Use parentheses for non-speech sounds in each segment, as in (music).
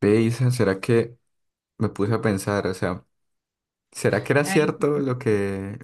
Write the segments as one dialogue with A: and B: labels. A: Ve, Isa, ¿será que me puse a pensar? O sea, ¿será que era
B: Ay,
A: cierto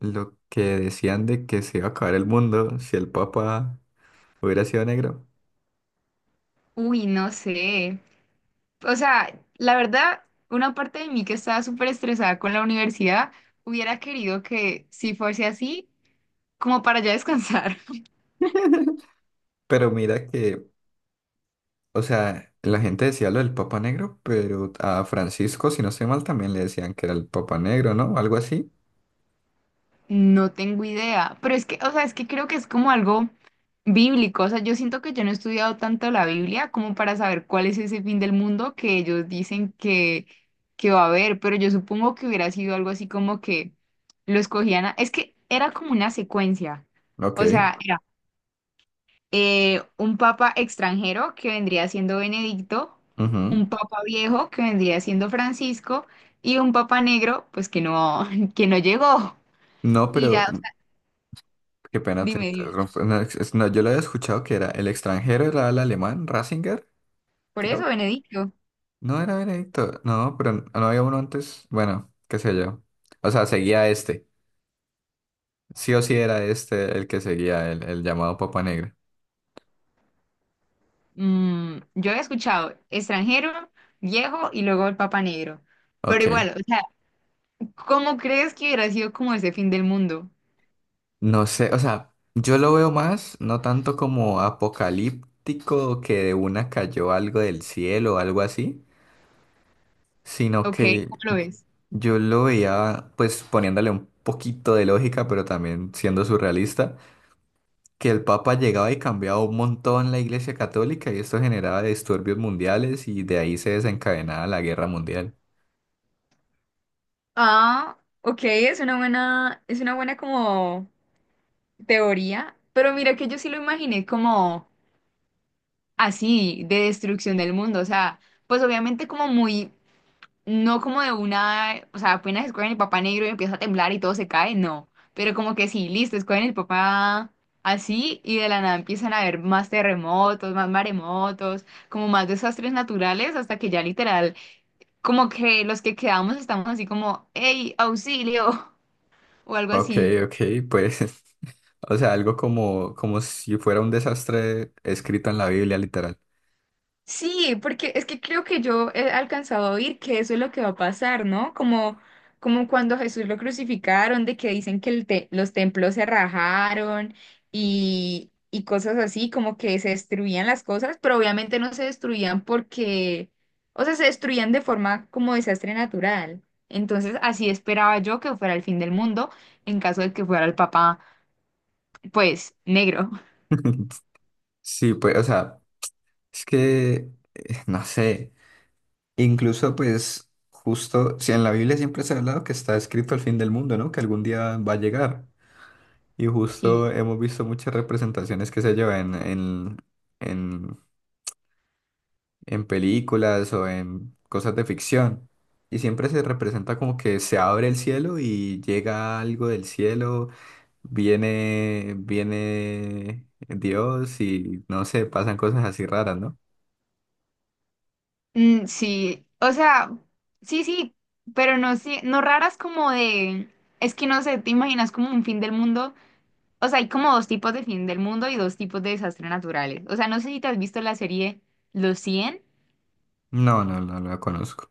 A: lo que decían de que se iba a acabar el mundo si el Papa hubiera sido negro?
B: uy, no sé. O sea, la verdad, una parte de mí que estaba súper estresada con la universidad hubiera querido que si fuese así, como para ya descansar. (laughs)
A: (laughs) Pero mira que, o sea, la gente decía lo del Papa Negro, pero a Francisco, si no estoy mal, también le decían que era el Papa Negro, ¿no? Algo así.
B: No tengo idea, pero es que, o sea, es que creo que es como algo bíblico. O sea, yo siento que yo no he estudiado tanto la Biblia como para saber cuál es ese fin del mundo que ellos dicen que va a haber, pero yo supongo que hubiera sido algo así como que lo escogían. Es que era como una secuencia. O
A: Ok,
B: sea, era un papa extranjero que vendría siendo Benedicto,
A: ujú.
B: un papa viejo que vendría siendo Francisco y un papa negro, pues que no, (laughs) que no llegó.
A: No,
B: Y ya,
A: pero
B: o
A: mm,
B: sea,
A: qué pena te
B: dime, dime.
A: interrumpo. No, no, yo lo había escuchado que era el extranjero, era el alemán, Ratzinger.
B: Por eso, Benedicto.
A: No era Veredicto. No, pero no había uno antes. Bueno, qué sé yo. O sea, seguía este. Sí o sí era este el que seguía, el llamado Papa Negra.
B: Yo he escuchado extranjero, viejo y luego el papa negro. Pero
A: Ok.
B: igual, o sea, ¿cómo crees que hubiera sido como ese fin del mundo?
A: No sé, o sea, yo lo veo más, no tanto como apocalíptico, que de una cayó algo del cielo o algo así, sino
B: ¿Ok?
A: que
B: ¿Cómo lo ves?
A: yo lo veía pues poniéndole un poquito de lógica, pero también siendo surrealista, que el Papa llegaba y cambiaba un montón la Iglesia Católica y esto generaba disturbios mundiales y de ahí se desencadenaba la Guerra Mundial.
B: Ah, ok, es una buena como teoría, pero mira que yo sí lo imaginé como así, de destrucción del mundo. O sea, pues obviamente como muy, no como de una, o sea, apenas escogen el papá negro y empieza a temblar y todo se cae, no. Pero como que sí, listo, escogen el papá así y de la nada empiezan a haber más terremotos, más maremotos, como más desastres naturales, hasta que ya literal, como que los que quedamos estamos así como, hey, auxilio (laughs) o algo
A: Ok,
B: así.
A: ok, pues, (laughs) o sea, algo como, como si fuera un desastre escrito en la Biblia, literal.
B: Sí, porque es que creo que yo he alcanzado a oír que eso es lo que va a pasar, ¿no? Como cuando Jesús lo crucificaron, de que dicen que los templos se rajaron y cosas así, como que se destruían las cosas, pero obviamente no se destruían porque, o sea, se destruían de forma como desastre natural. Entonces, así esperaba yo que fuera el fin del mundo en caso de que fuera el papá, pues, negro.
A: (laughs) Sí, pues, o sea, es que, no sé, incluso pues, justo, si en la Biblia siempre se ha hablado que está escrito el fin del mundo, ¿no? Que algún día va a llegar. Y
B: (laughs) Sí.
A: justo hemos visto muchas representaciones que se llevan en, en películas o en cosas de ficción. Y siempre se representa como que se abre el cielo y llega algo del cielo, viene Dios y no sé, pasan cosas así raras, ¿no?
B: Mm, sí, o sea, sí, sí, pero no, sí, no raras como de, es que no sé, te imaginas como un fin del mundo, o sea, hay como dos tipos de fin del mundo y dos tipos de desastres naturales, o sea, no sé si te has visto la serie Los 100,
A: No, no, no, la conozco.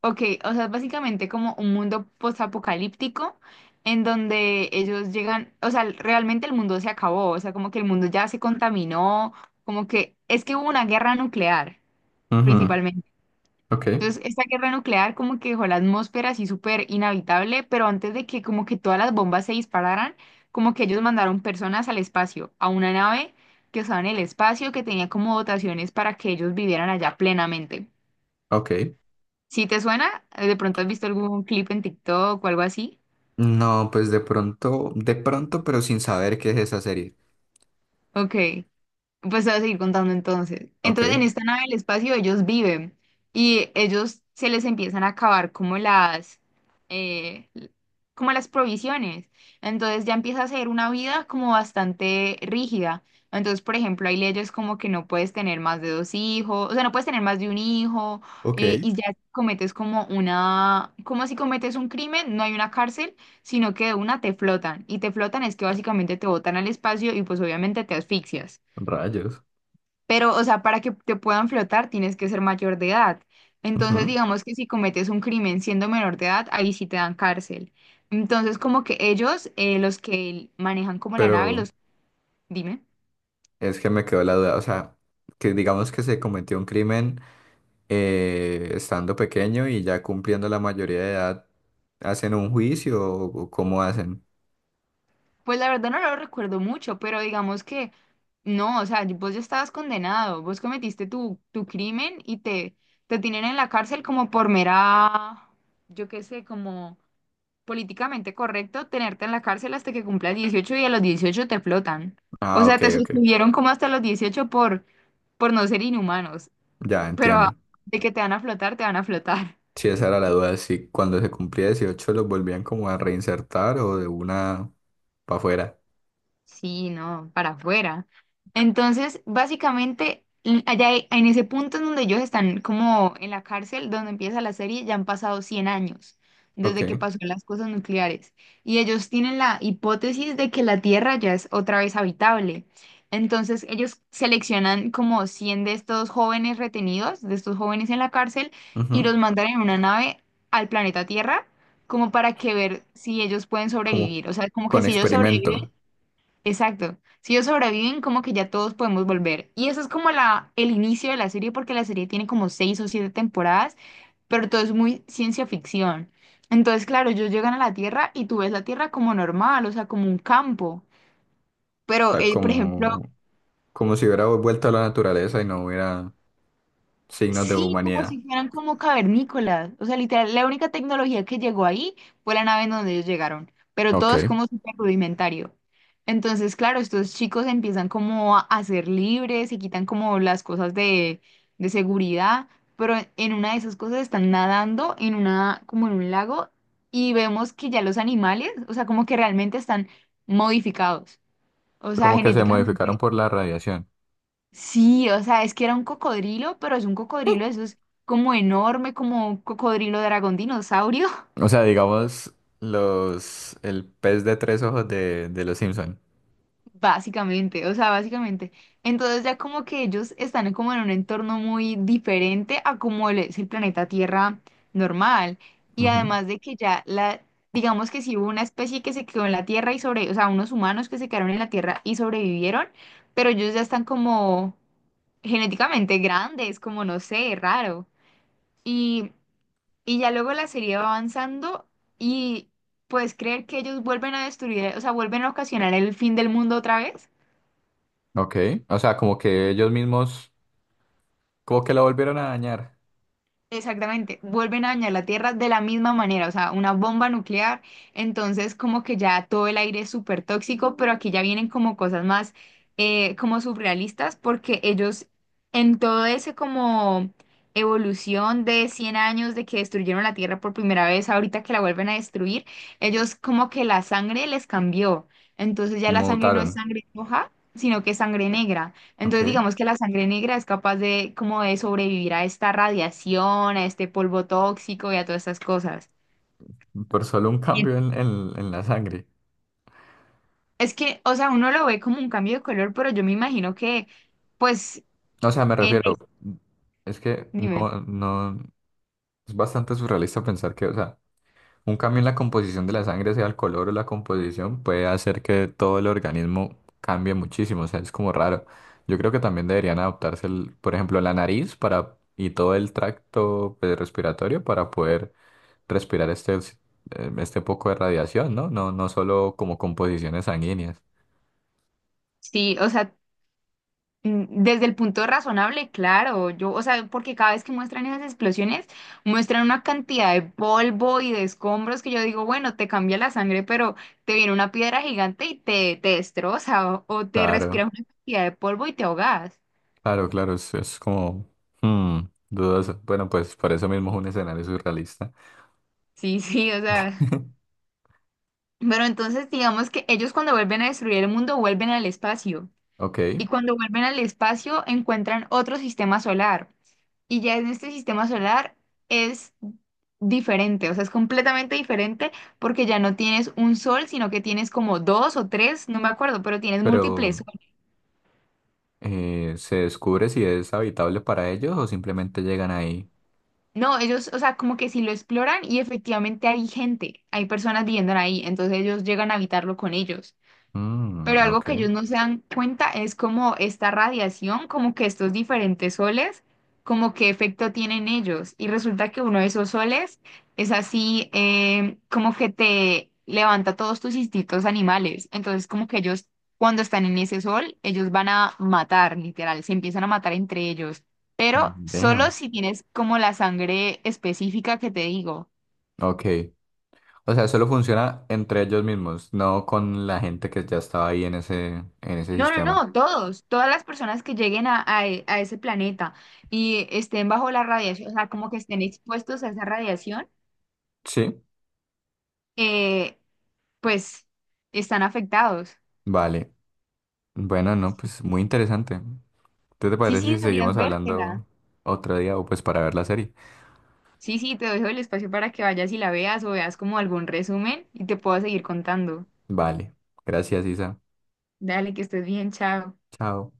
B: ok, o sea, es básicamente como un mundo postapocalíptico en donde ellos llegan, o sea, realmente el mundo se acabó, o sea, como que el mundo ya se contaminó, como que es que hubo una guerra nuclear,
A: Ujú,
B: principalmente.
A: ok,
B: Entonces, esta guerra nuclear como que dejó la atmósfera así súper inhabitable, pero antes de que como que todas las bombas se dispararan, como que ellos mandaron personas al espacio, a una nave que estaba en el espacio, que tenía como dotaciones para que ellos vivieran allá plenamente.
A: ok.
B: Si te suena, de pronto has visto algún clip en TikTok o algo así.
A: No, pues de pronto, pero sin saber qué es esa serie.
B: Ok. Pues te voy a seguir contando entonces. Entonces, en
A: Ok,
B: esta nave del espacio ellos viven y ellos se les empiezan a acabar como las, eh, l- como las provisiones. Entonces ya empieza a ser una vida como bastante rígida. Entonces, por ejemplo, hay leyes como que no puedes tener más de dos hijos, o sea, no puedes tener más de un hijo,
A: ok.
B: y ya si cometes como una, como si cometes un crimen, no hay una cárcel, sino que de una te flotan. Y te flotan es que básicamente te botan al espacio y pues obviamente te asfixias.
A: Rayos.
B: Pero, o sea, para que te puedan flotar tienes que ser mayor de edad. Entonces,
A: Ujú.
B: digamos que si cometes un crimen siendo menor de edad, ahí sí te dan cárcel. Entonces, como que ellos, los que manejan como la nave,
A: Pero
B: los... Dime.
A: es que me quedó la duda, o sea, que digamos que se cometió un crimen, estando pequeño y ya cumpliendo la mayoría de edad, ¿hacen un juicio o cómo hacen?
B: Pues la verdad no lo recuerdo mucho, pero digamos que no, o sea, vos ya estabas condenado, vos cometiste tu crimen y te tienen en la cárcel como por mera, yo qué sé, como políticamente correcto tenerte en la cárcel hasta que cumplas 18 y a los 18 te flotan. O
A: Ah,
B: sea,
A: ok,
B: te
A: ok,
B: sostuvieron como hasta los 18 por no ser inhumanos,
A: ya
B: pero
A: entiendo.
B: de que te van a flotar, te van a flotar.
A: Sí, esa era la duda, si cuando se cumplía 18 los volvían como a reinsertar o de una para afuera.
B: Sí, no, para afuera. Entonces, básicamente, en ese punto en donde ellos están como en la cárcel, donde empieza la serie, ya han pasado 100 años
A: Ok,
B: desde que pasó las cosas nucleares. Y ellos tienen la hipótesis de que la Tierra ya es otra vez habitable. Entonces, ellos seleccionan como 100 de estos jóvenes retenidos, de estos jóvenes en la cárcel, y
A: ujú.
B: los mandan en una nave al planeta Tierra como para que ver si ellos pueden
A: Como
B: sobrevivir. O sea, como que
A: con
B: si ellos
A: experimento,
B: sobreviven.
A: o
B: Exacto. Si ellos sobreviven, como que ya todos podemos volver. Y eso es como el inicio de la serie, porque la serie tiene como seis o siete temporadas, pero todo es muy ciencia ficción. Entonces, claro, ellos llegan a la Tierra y tú ves la Tierra como normal, o sea, como un campo. Pero,
A: sea,
B: por ejemplo,
A: como, como si hubiera vuelto a la naturaleza y no hubiera signos de
B: sí, como
A: humanidad.
B: si fueran como cavernícolas. O sea, literal, la única tecnología que llegó ahí fue la nave en donde ellos llegaron, pero
A: Ok.
B: todo es como súper rudimentario. Entonces, claro, estos chicos empiezan como a ser libres, se quitan como las cosas de seguridad, pero en una de esas cosas están nadando como en un lago, y vemos que ya los animales, o sea, como que realmente están modificados. O sea,
A: Como que se modificaron
B: genéticamente.
A: por la radiación.
B: Sí, o sea, es que era un cocodrilo, pero es un cocodrilo, eso es como enorme, como un cocodrilo dragón dinosaurio,
A: O sea, digamos, el pez de tres ojos de los Simpson.
B: (laughs) básicamente, o sea, básicamente. Entonces ya como que ellos están como en un entorno muy diferente a como es el planeta Tierra normal. Y
A: Ujú.
B: además de que ya digamos que si hubo una especie que se quedó en la Tierra y o sea, unos humanos que se quedaron en la Tierra y sobrevivieron, pero ellos ya están como genéticamente grandes, como no sé, raro. Y Y ya luego la serie va avanzando y puedes creer que ellos vuelven a destruir, o sea, vuelven a ocasionar el fin del mundo otra vez.
A: Ok. O sea, como que ellos mismos, como que lo volvieron a dañar.
B: Exactamente, vuelven a dañar la Tierra de la misma manera, o sea, una bomba nuclear, entonces como que ya todo el aire es súper tóxico, pero aquí ya vienen como cosas más, como surrealistas, porque ellos, en todo ese como evolución de 100 años de que destruyeron la Tierra por primera vez, ahorita que la vuelven a destruir, ellos como que la sangre les cambió, entonces ya la sangre no es
A: Mutaron.
B: sangre roja, sino que es sangre negra. Entonces,
A: Ok.
B: digamos que la sangre negra es capaz de como de sobrevivir a esta radiación, a este polvo tóxico y a todas estas cosas.
A: Por solo un
B: Y
A: cambio en la sangre.
B: Es que, o sea, uno lo ve como un cambio de color, pero yo me imagino que, pues,
A: O sea, me
B: en la
A: refiero,
B: his-
A: es que
B: dime,
A: no, no, es bastante surrealista pensar que, o sea, un cambio en la composición de la sangre, sea el color o la composición, puede hacer que todo el organismo cambie muchísimo, o sea, es como raro. Yo creo que también deberían adaptarse, por ejemplo, la nariz para, y todo el tracto pues, respiratorio para poder respirar este poco de radiación, ¿no? No, no solo como composiciones sanguíneas.
B: sí, o sea, desde el punto razonable, claro, yo, o sea, porque cada vez que muestran esas explosiones, muestran una cantidad de polvo y de escombros que yo digo, bueno, te cambia la sangre, pero te viene una piedra gigante y te destroza, o te
A: Claro,
B: respiras una cantidad de polvo y te ahogas.
A: claro, claro, es como hmm, dudoso. Bueno, pues por eso mismo es
B: Sí,
A: un escenario surrealista.
B: sí, sí, o sea,
A: (laughs)
B: pero entonces digamos que ellos, cuando vuelven a destruir el mundo, vuelven al espacio,
A: Ok,
B: y cuando vuelven al espacio encuentran otro sistema solar, y ya en este sistema solar es diferente, o sea, es completamente diferente porque ya no tienes un sol, sino que tienes como dos o tres, no me acuerdo, pero tienes múltiples
A: pero...
B: soles.
A: ¿Se descubre si es habitable para ellos o simplemente llegan ahí?
B: No, ellos, o sea, como que si lo exploran y efectivamente hay gente, hay personas viviendo ahí, entonces ellos llegan a habitarlo con ellos.
A: Mm,
B: Pero algo
A: ok.
B: que ellos no se dan cuenta es como esta radiación, como que estos diferentes soles, como qué efecto tienen ellos. Y resulta que uno de esos soles es así, como que te levanta todos tus instintos animales. Entonces, como que ellos, cuando están en ese sol, ellos van a matar, literal, se empiezan a matar entre ellos. Pero solo
A: Damn.
B: si tienes como la sangre específica que te digo.
A: Ok. O sea, solo funciona entre ellos mismos, no con la gente que ya estaba ahí en ese
B: No, no,
A: sistema.
B: no, todas las personas que lleguen a ese planeta y estén bajo la radiación, o sea, como que estén expuestos a esa radiación,
A: Sí,
B: eh, pues están afectados.
A: vale. Bueno, no,
B: Sí,
A: pues muy interesante. ¿Qué te
B: sí, sí,
A: parece si
B: deberías
A: seguimos
B: vértela.
A: hablando otro día o pues para ver la serie?
B: Sí, sí, te dejo el espacio para que vayas y la veas, o veas como algún resumen, y te puedo seguir contando.
A: Vale. Gracias, Isa.
B: Dale, que estés bien, chao.
A: Chao.